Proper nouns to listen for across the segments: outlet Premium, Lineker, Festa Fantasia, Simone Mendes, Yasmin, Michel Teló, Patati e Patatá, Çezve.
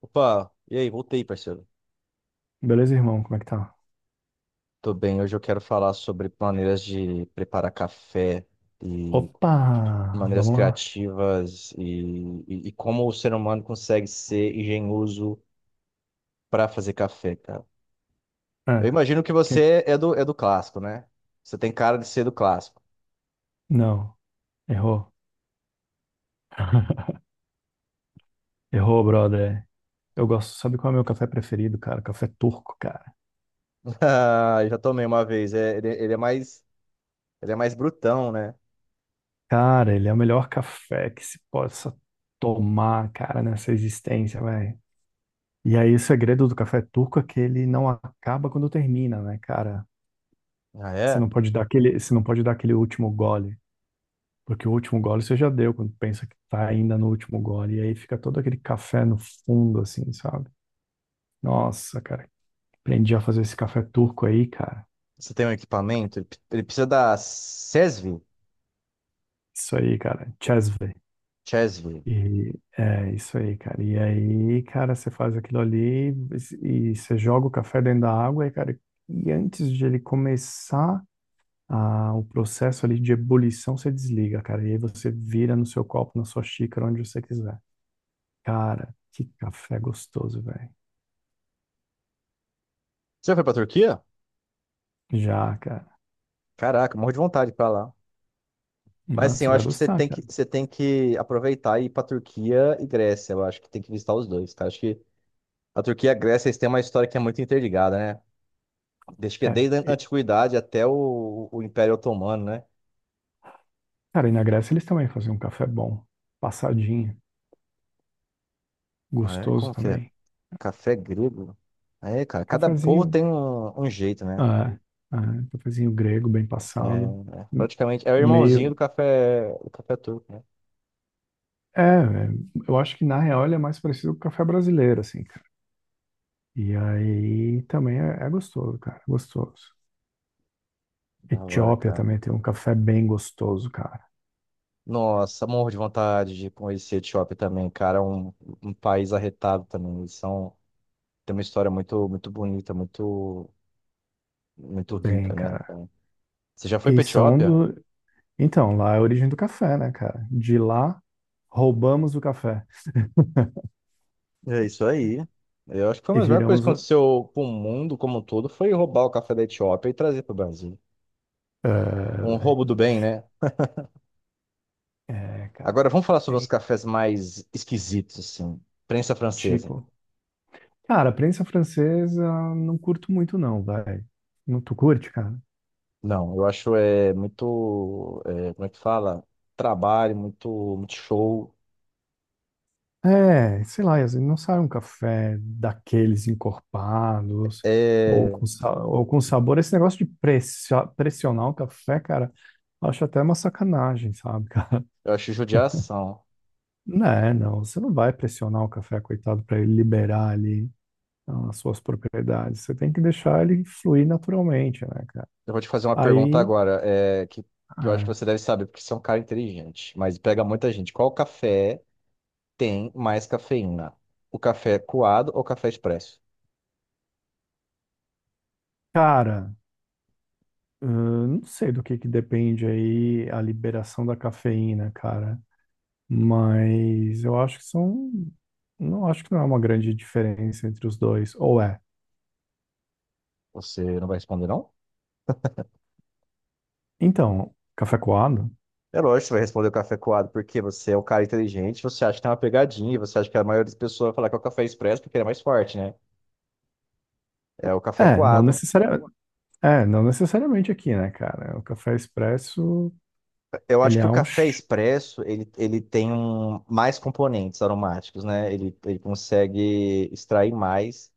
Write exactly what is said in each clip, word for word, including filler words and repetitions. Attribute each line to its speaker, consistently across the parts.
Speaker 1: Opa, e aí, voltei, parceiro.
Speaker 2: Beleza, irmão? Como é que tá?
Speaker 1: Tô bem, hoje eu quero falar sobre maneiras de preparar café e
Speaker 2: Opa!
Speaker 1: maneiras
Speaker 2: Vamos lá.
Speaker 1: criativas e, e- e como o ser humano consegue ser engenhoso para fazer café, cara. Eu
Speaker 2: É.
Speaker 1: imagino que
Speaker 2: quem-
Speaker 1: você é do, é do clássico, né? Você tem cara de ser do clássico.
Speaker 2: Não, errou. Errou, brother. Eu gosto. Sabe qual é o meu café preferido, cara? Café turco, cara.
Speaker 1: Ah, eu já tomei uma vez, é, ele, ele é mais, ele é mais brutão, né?
Speaker 2: Cara, ele é o melhor café que se possa tomar, cara, nessa existência, velho. E aí, o segredo do café turco é que ele não acaba quando termina, né, cara?
Speaker 1: Ah,
Speaker 2: Você
Speaker 1: é?
Speaker 2: não pode dar aquele, você não pode dar aquele último gole, porque o último gole você já deu quando pensa que tá ainda no último gole. E aí fica todo aquele café no fundo, assim, sabe? Nossa, cara, aprendi a fazer esse café turco aí, cara.
Speaker 1: Você tem um equipamento? Ele, p- ele precisa da C E S V?
Speaker 2: Isso aí, cara, Çezve.
Speaker 1: C E S V.
Speaker 2: E é isso aí, cara. E aí, cara, você faz aquilo ali e e você joga o café dentro da água e, cara, e antes de ele começar a, o processo ali de ebulição, você desliga, cara. E aí você vira no seu copo, na sua xícara, onde você quiser. Cara, que café gostoso, velho.
Speaker 1: Você já foi pra Turquia?
Speaker 2: Já, cara.
Speaker 1: Caraca, morro de vontade pra lá. Mas
Speaker 2: Ah,
Speaker 1: sim,
Speaker 2: você
Speaker 1: eu
Speaker 2: vai
Speaker 1: acho que você
Speaker 2: gostar,
Speaker 1: tem que,
Speaker 2: cara.
Speaker 1: você tem que aproveitar e ir pra Turquia e Grécia. Eu acho que tem que visitar os dois, cara. Acho que a Turquia e a Grécia, eles têm uma história que é muito interligada, né? Desde que
Speaker 2: É.
Speaker 1: desde a
Speaker 2: E,
Speaker 1: antiguidade até o, o Império Otomano, né?
Speaker 2: cara, e na Grécia eles também faziam um café bom, passadinho.
Speaker 1: Ah, é?
Speaker 2: Gostoso
Speaker 1: Como que é?
Speaker 2: também.
Speaker 1: Café grego? É, cara, cada povo
Speaker 2: Cafezinho,
Speaker 1: tem um, um jeito, né?
Speaker 2: ah, ah, cafezinho grego bem passado,
Speaker 1: É, é,
Speaker 2: m-
Speaker 1: praticamente é o irmãozinho do
Speaker 2: meio,
Speaker 1: café, do café turco, né?
Speaker 2: é, é, eu acho que na real ele é mais parecido com o café brasileiro, assim, cara. E aí também é, é gostoso, cara, é gostoso.
Speaker 1: Da hora,
Speaker 2: Etiópia
Speaker 1: cara.
Speaker 2: também tem um café bem gostoso, cara.
Speaker 1: Nossa, morro de vontade de conhecer a Etiópia também, cara. É um, um país arretado também. Eles são tem uma história muito, muito bonita, muito, muito rica,
Speaker 2: Tem,
Speaker 1: né?
Speaker 2: cara.
Speaker 1: Então, você já foi
Speaker 2: E
Speaker 1: pra
Speaker 2: são
Speaker 1: Etiópia?
Speaker 2: do, então, lá é a origem do café, né, cara? De lá roubamos o café
Speaker 1: É isso aí. Eu acho que foi uma
Speaker 2: e
Speaker 1: das melhores coisas
Speaker 2: viramos
Speaker 1: que
Speaker 2: o,
Speaker 1: aconteceu com o mundo como um todo, foi roubar o café da Etiópia e trazer para o Brasil. Um roubo do bem, né?
Speaker 2: é, é, cara,
Speaker 1: Agora vamos falar sobre os
Speaker 2: tem,
Speaker 1: cafés mais esquisitos, assim. Prensa francesa.
Speaker 2: tipo. Cara, prensa francesa não curto muito não, vai. Não tu curte, cara?
Speaker 1: Não, eu acho é muito, é, como é que fala? Trabalho, muito, muito show.
Speaker 2: É, sei lá, Yasmin, não sai um café daqueles encorpados ou
Speaker 1: É,
Speaker 2: com, sa- ou com sabor. Esse negócio de pressio- pressionar o café, cara, acho até uma sacanagem, sabe, cara?
Speaker 1: eu acho judiação.
Speaker 2: Não, é, não, você não vai pressionar o café, coitado, para ele liberar ali ah, as suas propriedades. Você tem que deixar ele fluir naturalmente, né, cara?
Speaker 1: Eu vou te fazer uma pergunta
Speaker 2: Aí,
Speaker 1: agora, é, que, que eu acho que
Speaker 2: é,
Speaker 1: você deve saber, porque você é um cara inteligente, mas pega muita gente. Qual café tem mais cafeína? O café coado ou o café expresso?
Speaker 2: cara. Ahn, não sei do que que depende aí a liberação da cafeína, cara. Mas eu acho que são. Não acho que não é uma grande diferença entre os dois. Ou é?
Speaker 1: Você não vai responder, não?
Speaker 2: Então, café coado?
Speaker 1: É lógico que você vai responder o café coado, porque você é um cara inteligente, você acha que tem uma pegadinha, você acha que a maioria das pessoas vai falar que é o café expresso porque ele é mais forte, né? É o café
Speaker 2: É, não
Speaker 1: coado.
Speaker 2: necessariamente. É, não necessariamente aqui, né, cara? O café expresso,
Speaker 1: Eu acho
Speaker 2: ele
Speaker 1: que o
Speaker 2: é um.
Speaker 1: café
Speaker 2: Ch-
Speaker 1: expresso, ele, ele tem um- mais componentes aromáticos, né? Ele, ele consegue extrair mais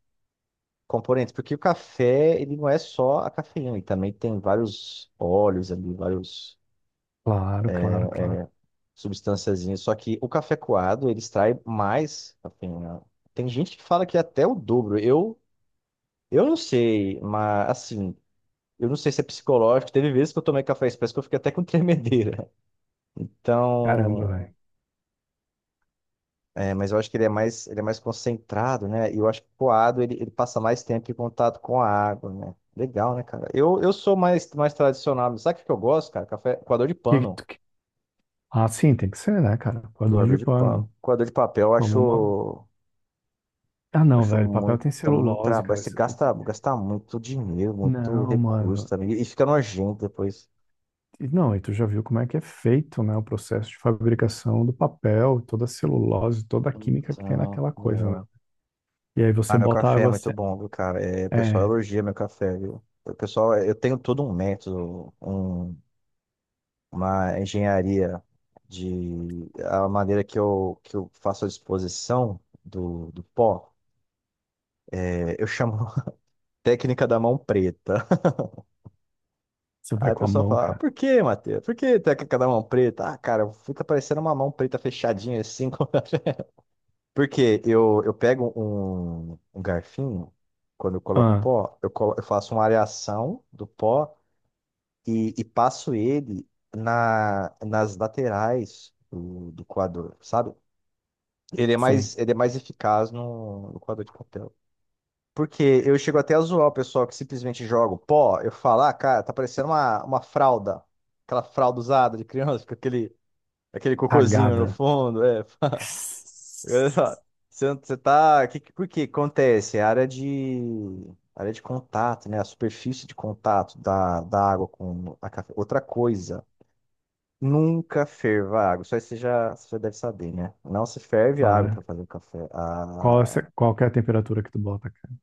Speaker 1: componentes, porque o café, ele não é só a cafeína, ele também tem vários óleos ali, vários
Speaker 2: claro, claro, claro.
Speaker 1: substânciazinhas, só que o café coado, ele extrai mais cafeína. Tem gente que fala que é até o dobro. Eu, eu não sei, mas assim, eu não sei se é psicológico, teve vezes que eu tomei café expresso que eu fiquei até com tremedeira.
Speaker 2: Caramba,
Speaker 1: Então,
Speaker 2: velho.
Speaker 1: é, mas eu acho que ele é mais, ele é mais concentrado, né? E eu acho que o coado ele, ele passa mais tempo em contato com a água, né? Legal, né, cara? Eu, eu sou mais, mais tradicional. Mas sabe o que que eu gosto, cara? Café, coador de
Speaker 2: Que-
Speaker 1: pano.
Speaker 2: que- Ah, sim, tem que ser, né, cara? Coador
Speaker 1: Coador
Speaker 2: de
Speaker 1: de
Speaker 2: pano.
Speaker 1: pano. Coador de papel, eu
Speaker 2: Como
Speaker 1: acho,
Speaker 2: uma.
Speaker 1: eu
Speaker 2: Ah, não,
Speaker 1: acho
Speaker 2: velho. Papel
Speaker 1: muito,
Speaker 2: tem
Speaker 1: muito
Speaker 2: celulose,
Speaker 1: trabalho.
Speaker 2: cara.
Speaker 1: Você
Speaker 2: Isso-
Speaker 1: gasta, gasta muito dinheiro, muito
Speaker 2: Não,
Speaker 1: recurso
Speaker 2: mano.
Speaker 1: também. E fica nojento depois.
Speaker 2: E não, e tu já viu como é que é feito, né, o processo de fabricação do papel, toda a celulose, toda a química que tem
Speaker 1: Então,
Speaker 2: naquela coisa, né?
Speaker 1: é.
Speaker 2: E aí você
Speaker 1: Ah, meu
Speaker 2: bota a
Speaker 1: café é
Speaker 2: água,
Speaker 1: muito
Speaker 2: se-
Speaker 1: bom, viu, cara? É, o pessoal
Speaker 2: é,
Speaker 1: elogia meu café, viu? O pessoal, eu tenho todo um método, um uma engenharia de a maneira que eu, que eu faço a disposição do, do pó, é, eu chamo técnica da mão preta.
Speaker 2: você
Speaker 1: Aí
Speaker 2: vai
Speaker 1: a
Speaker 2: com a
Speaker 1: pessoa
Speaker 2: mão,
Speaker 1: fala, "Ah,
Speaker 2: cara.
Speaker 1: por que, Matheus? Por que técnica da mão preta? Ah, cara, fica parecendo uma mão preta fechadinha assim." como- Porque eu, eu pego um, um garfinho, quando eu coloco
Speaker 2: Ah,
Speaker 1: pó, eu, colo- eu faço uma areação do pó e, e passo ele na, nas laterais do, do coador, sabe? Ele é
Speaker 2: sim,
Speaker 1: mais, ele é mais eficaz no, no quadro de papel. Porque eu chego até a zoar o pessoal que simplesmente joga o pó. Eu falo, ah, cara, tá parecendo uma, uma fralda. Aquela fralda usada de criança, com aquele, aquele cocôzinho no
Speaker 2: cagada,
Speaker 1: fundo. É. Eu falo, você, você tá. Que, que- por que acontece? É a área de. Área de contato, né? A superfície de contato da, da água com a café. Outra coisa, nunca ferva a água. Só isso aí você já, você já deve saber, né? Não se ferve a água para
Speaker 2: Clara.
Speaker 1: fazer o café.
Speaker 2: Qual, é
Speaker 1: A-
Speaker 2: essa- qual que é a temperatura que tu bota, cara?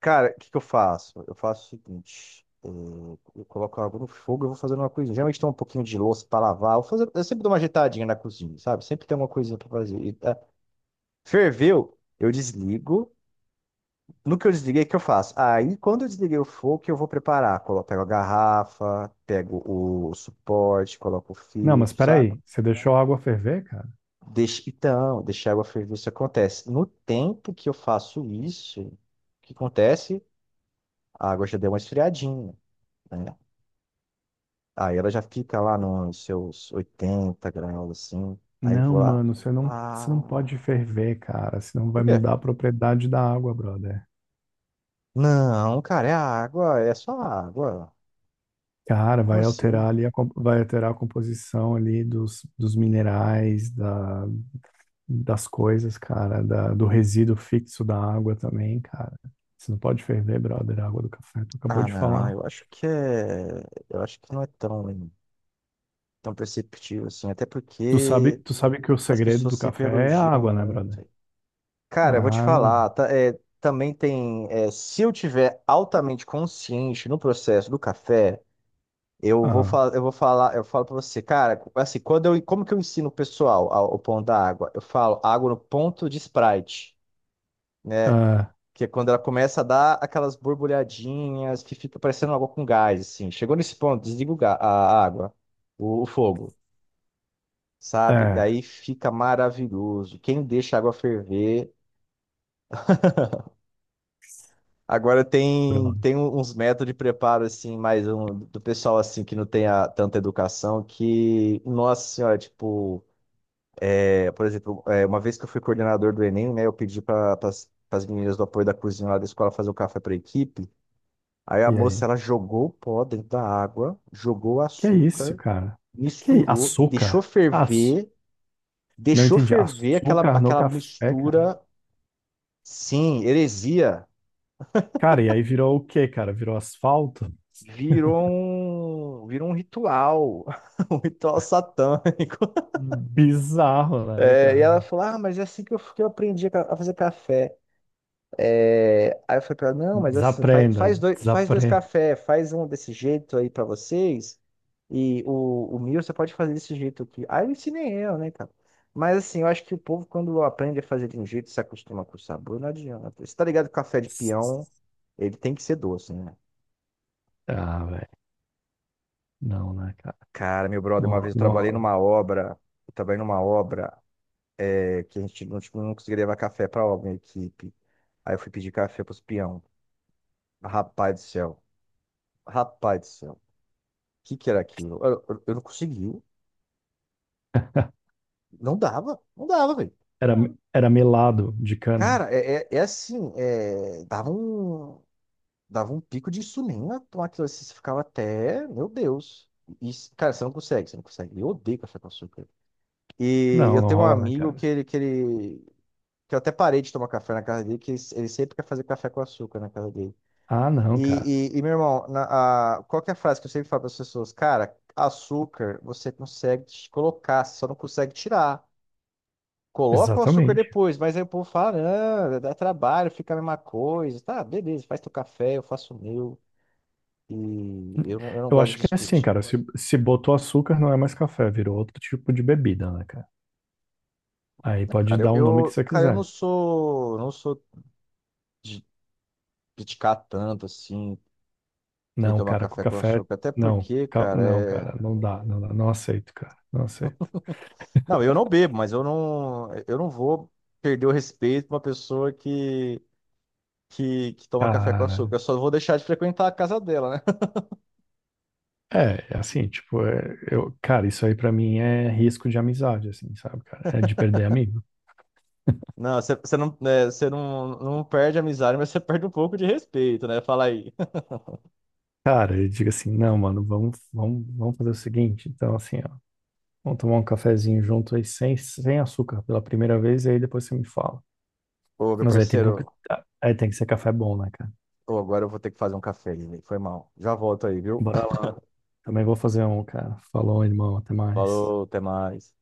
Speaker 1: Cara, o que que eu faço? Eu faço o seguinte: eh, eu coloco a água no fogo e vou fazendo uma coisinha. Geralmente tem um pouquinho de louça pra lavar. Eu, fazer, eu sempre dou uma ajeitadinha na cozinha, sabe? Sempre tem uma coisinha pra fazer. E, ah, ferveu, eu desligo. No que eu desliguei, o que eu faço? Aí, quando eu desliguei o fogo, o que eu vou preparar? Colo- pego a garrafa, pego o suporte, coloco o
Speaker 2: Não, mas
Speaker 1: filtro, sabe?
Speaker 2: peraí, você deixou a água ferver, cara?
Speaker 1: Deixa, então, deixar a água ferver, isso acontece. No tempo que eu faço isso, o que acontece? A água já deu uma esfriadinha, né? Aí ela já fica lá nos seus oitenta graus, assim. Aí
Speaker 2: Não,
Speaker 1: vou lá.
Speaker 2: mano, você não, você não
Speaker 1: Ah,
Speaker 2: pode ferver, cara, senão vai
Speaker 1: por quê?
Speaker 2: mudar a propriedade da água, brother.
Speaker 1: Não, cara, é água, é só água.
Speaker 2: Cara,
Speaker 1: Como
Speaker 2: vai alterar
Speaker 1: assim?
Speaker 2: ali, a, com- vai alterar a composição ali dos, dos minerais, da, das coisas, cara, da, do resíduo fixo da água também, cara. Você não pode ferver, brother, a água do café. Tu acabou
Speaker 1: Ah,
Speaker 2: de
Speaker 1: não,
Speaker 2: falar.
Speaker 1: eu acho que é. Eu acho que não é tão, tão perceptível assim. Até
Speaker 2: Tu sabe,
Speaker 1: porque
Speaker 2: tu sabe que o
Speaker 1: as
Speaker 2: segredo
Speaker 1: pessoas
Speaker 2: do
Speaker 1: sempre
Speaker 2: café é a
Speaker 1: elogiam
Speaker 2: água, né, brother?
Speaker 1: muito. Cara, eu vou te
Speaker 2: Ah, não.
Speaker 1: falar, tá- é, também tem. É, se eu tiver altamente consciente no processo do café. Eu vou
Speaker 2: Ah,
Speaker 1: falar, eu vou falar, eu falo para você, cara, assim, quando eu, como que eu ensino o pessoal ao- o pão da água? Eu falo água no ponto de Sprite, né?
Speaker 2: ah,
Speaker 1: Que é quando ela começa a dar aquelas borbulhadinhas que fica parecendo água com gás, assim. Chegou nesse ponto, desliga o ga- a água, o, o fogo, sabe? E
Speaker 2: É,
Speaker 1: aí fica maravilhoso. Quem deixa a água ferver. Agora tem,
Speaker 2: brother.
Speaker 1: tem um, uns métodos de preparo, assim, mais um, do pessoal, assim, que não tem a- tanta educação, que, nossa senhora, tipo. É, por exemplo, é, uma vez que eu fui coordenador do Enem, né, eu pedi para as meninas do apoio da cozinha lá da escola fazer o café para equipe. Aí a
Speaker 2: E
Speaker 1: moça,
Speaker 2: aí?
Speaker 1: ela jogou o pó dentro da água, jogou o
Speaker 2: Que é isso,
Speaker 1: açúcar,
Speaker 2: cara? Que é i-
Speaker 1: misturou, deixou
Speaker 2: açúcar? Aço.
Speaker 1: ferver,
Speaker 2: Não
Speaker 1: deixou
Speaker 2: entendi.
Speaker 1: ferver aquela,
Speaker 2: Açúcar no
Speaker 1: aquela
Speaker 2: café, cara.
Speaker 1: mistura. Sim, heresia.
Speaker 2: Cara, e aí virou o quê, cara? Virou asfalto?
Speaker 1: Virou um, virou um ritual, um ritual satânico.
Speaker 2: Bizarro, né,
Speaker 1: É, e
Speaker 2: cara?
Speaker 1: ela falou: "Ah, mas é assim que eu, que eu aprendi a ca- a fazer café." É, aí eu falei pra ela, não, mas assim, faz,
Speaker 2: Desaprenda,
Speaker 1: faz dois, faz dois
Speaker 2: desaprenda.
Speaker 1: café, faz um desse jeito aí pra vocês, e o, o mil você pode fazer desse jeito aqui. Aí eu ensinei eu, né, cara? Mas assim, eu acho que o povo, quando aprende a fazer de um jeito, se acostuma com o sabor, não adianta. Você tá ligado que o café de peão, ele tem que ser doce, né?
Speaker 2: Ah, velho. Não, né, cara?
Speaker 1: Cara, meu brother,
Speaker 2: Não,
Speaker 1: uma
Speaker 2: ro-
Speaker 1: vez eu
Speaker 2: não
Speaker 1: trabalhei
Speaker 2: rola.
Speaker 1: numa obra, eu trabalhei numa obra é, que a gente não, tipo, não conseguia levar café pra obra, minha equipe. Aí eu fui pedir café pros peão. Rapaz do céu, rapaz do céu. que que era aquilo? Eu, eu- eu não consegui. Não dava, não dava, velho.
Speaker 2: Era, era melado de cana?
Speaker 1: Cara, é, é, é assim, é, dava um, dava um pico de insulina tomar aquilo assim, você ficava até, meu Deus. Isso cara, você não consegue, você não consegue. Eu odeio café com açúcar. E
Speaker 2: Não,
Speaker 1: eu
Speaker 2: não
Speaker 1: tenho um
Speaker 2: rola, né,
Speaker 1: amigo que
Speaker 2: cara?
Speaker 1: ele, que ele, que eu até parei de tomar café na casa dele, que ele, ele sempre quer fazer café com açúcar na casa dele.
Speaker 2: Ah, não, cara.
Speaker 1: E, e, e, meu irmão, na, a, qual que é a frase que eu sempre falo para as pessoas? Cara, açúcar você consegue colocar, você só não consegue tirar. Coloca o açúcar
Speaker 2: Exatamente.
Speaker 1: depois, mas aí o povo fala, ah, dá trabalho, fica a mesma coisa. Tá, beleza, faz teu café, eu faço o meu. E eu não, eu não
Speaker 2: Eu
Speaker 1: gosto de
Speaker 2: acho que é assim,
Speaker 1: discutir.
Speaker 2: cara. Se, se botou açúcar, não é mais café, virou outro tipo de bebida, né, cara? Aí
Speaker 1: Né,
Speaker 2: pode
Speaker 1: cara, eu,
Speaker 2: dar o nome que
Speaker 1: eu-
Speaker 2: você
Speaker 1: cara, eu não
Speaker 2: quiser.
Speaker 1: sou, não sou de criticar tanto assim quem
Speaker 2: Não,
Speaker 1: toma
Speaker 2: cara, com
Speaker 1: café com
Speaker 2: café.
Speaker 1: açúcar. Até
Speaker 2: Não,
Speaker 1: porque,
Speaker 2: ca-
Speaker 1: cara,
Speaker 2: não,
Speaker 1: é.
Speaker 2: cara, não dá, não dá, não aceito, cara, não aceito.
Speaker 1: Não, eu não bebo, mas eu não, eu não vou perder o respeito pra uma pessoa que, que, que toma café com
Speaker 2: Cara,
Speaker 1: açúcar. Eu só vou deixar de frequentar a casa dela, né?
Speaker 2: é, é assim, tipo, é, eu, cara, isso aí pra mim é risco de amizade, assim, sabe, cara? É de perder amigo.
Speaker 1: Não, você você não, é, você não, não perde a amizade, mas você perde um pouco de respeito, né? Fala aí.
Speaker 2: Cara, eu digo assim, não, mano, vamos, vamos, vamos fazer o seguinte, então assim, ó, vamos tomar um cafezinho junto aí sem, sem açúcar pela primeira vez e aí depois você me fala.
Speaker 1: Ô, meu
Speaker 2: Mas aí tem que,
Speaker 1: parceiro,
Speaker 2: aí tem que ser café bom, né, cara?
Speaker 1: ô, agora eu vou ter que fazer um café, né? Foi mal. Já volto aí, viu?
Speaker 2: Bora lá. Também vou fazer um, cara. Falou, irmão, até mais.
Speaker 1: Falou, até mais.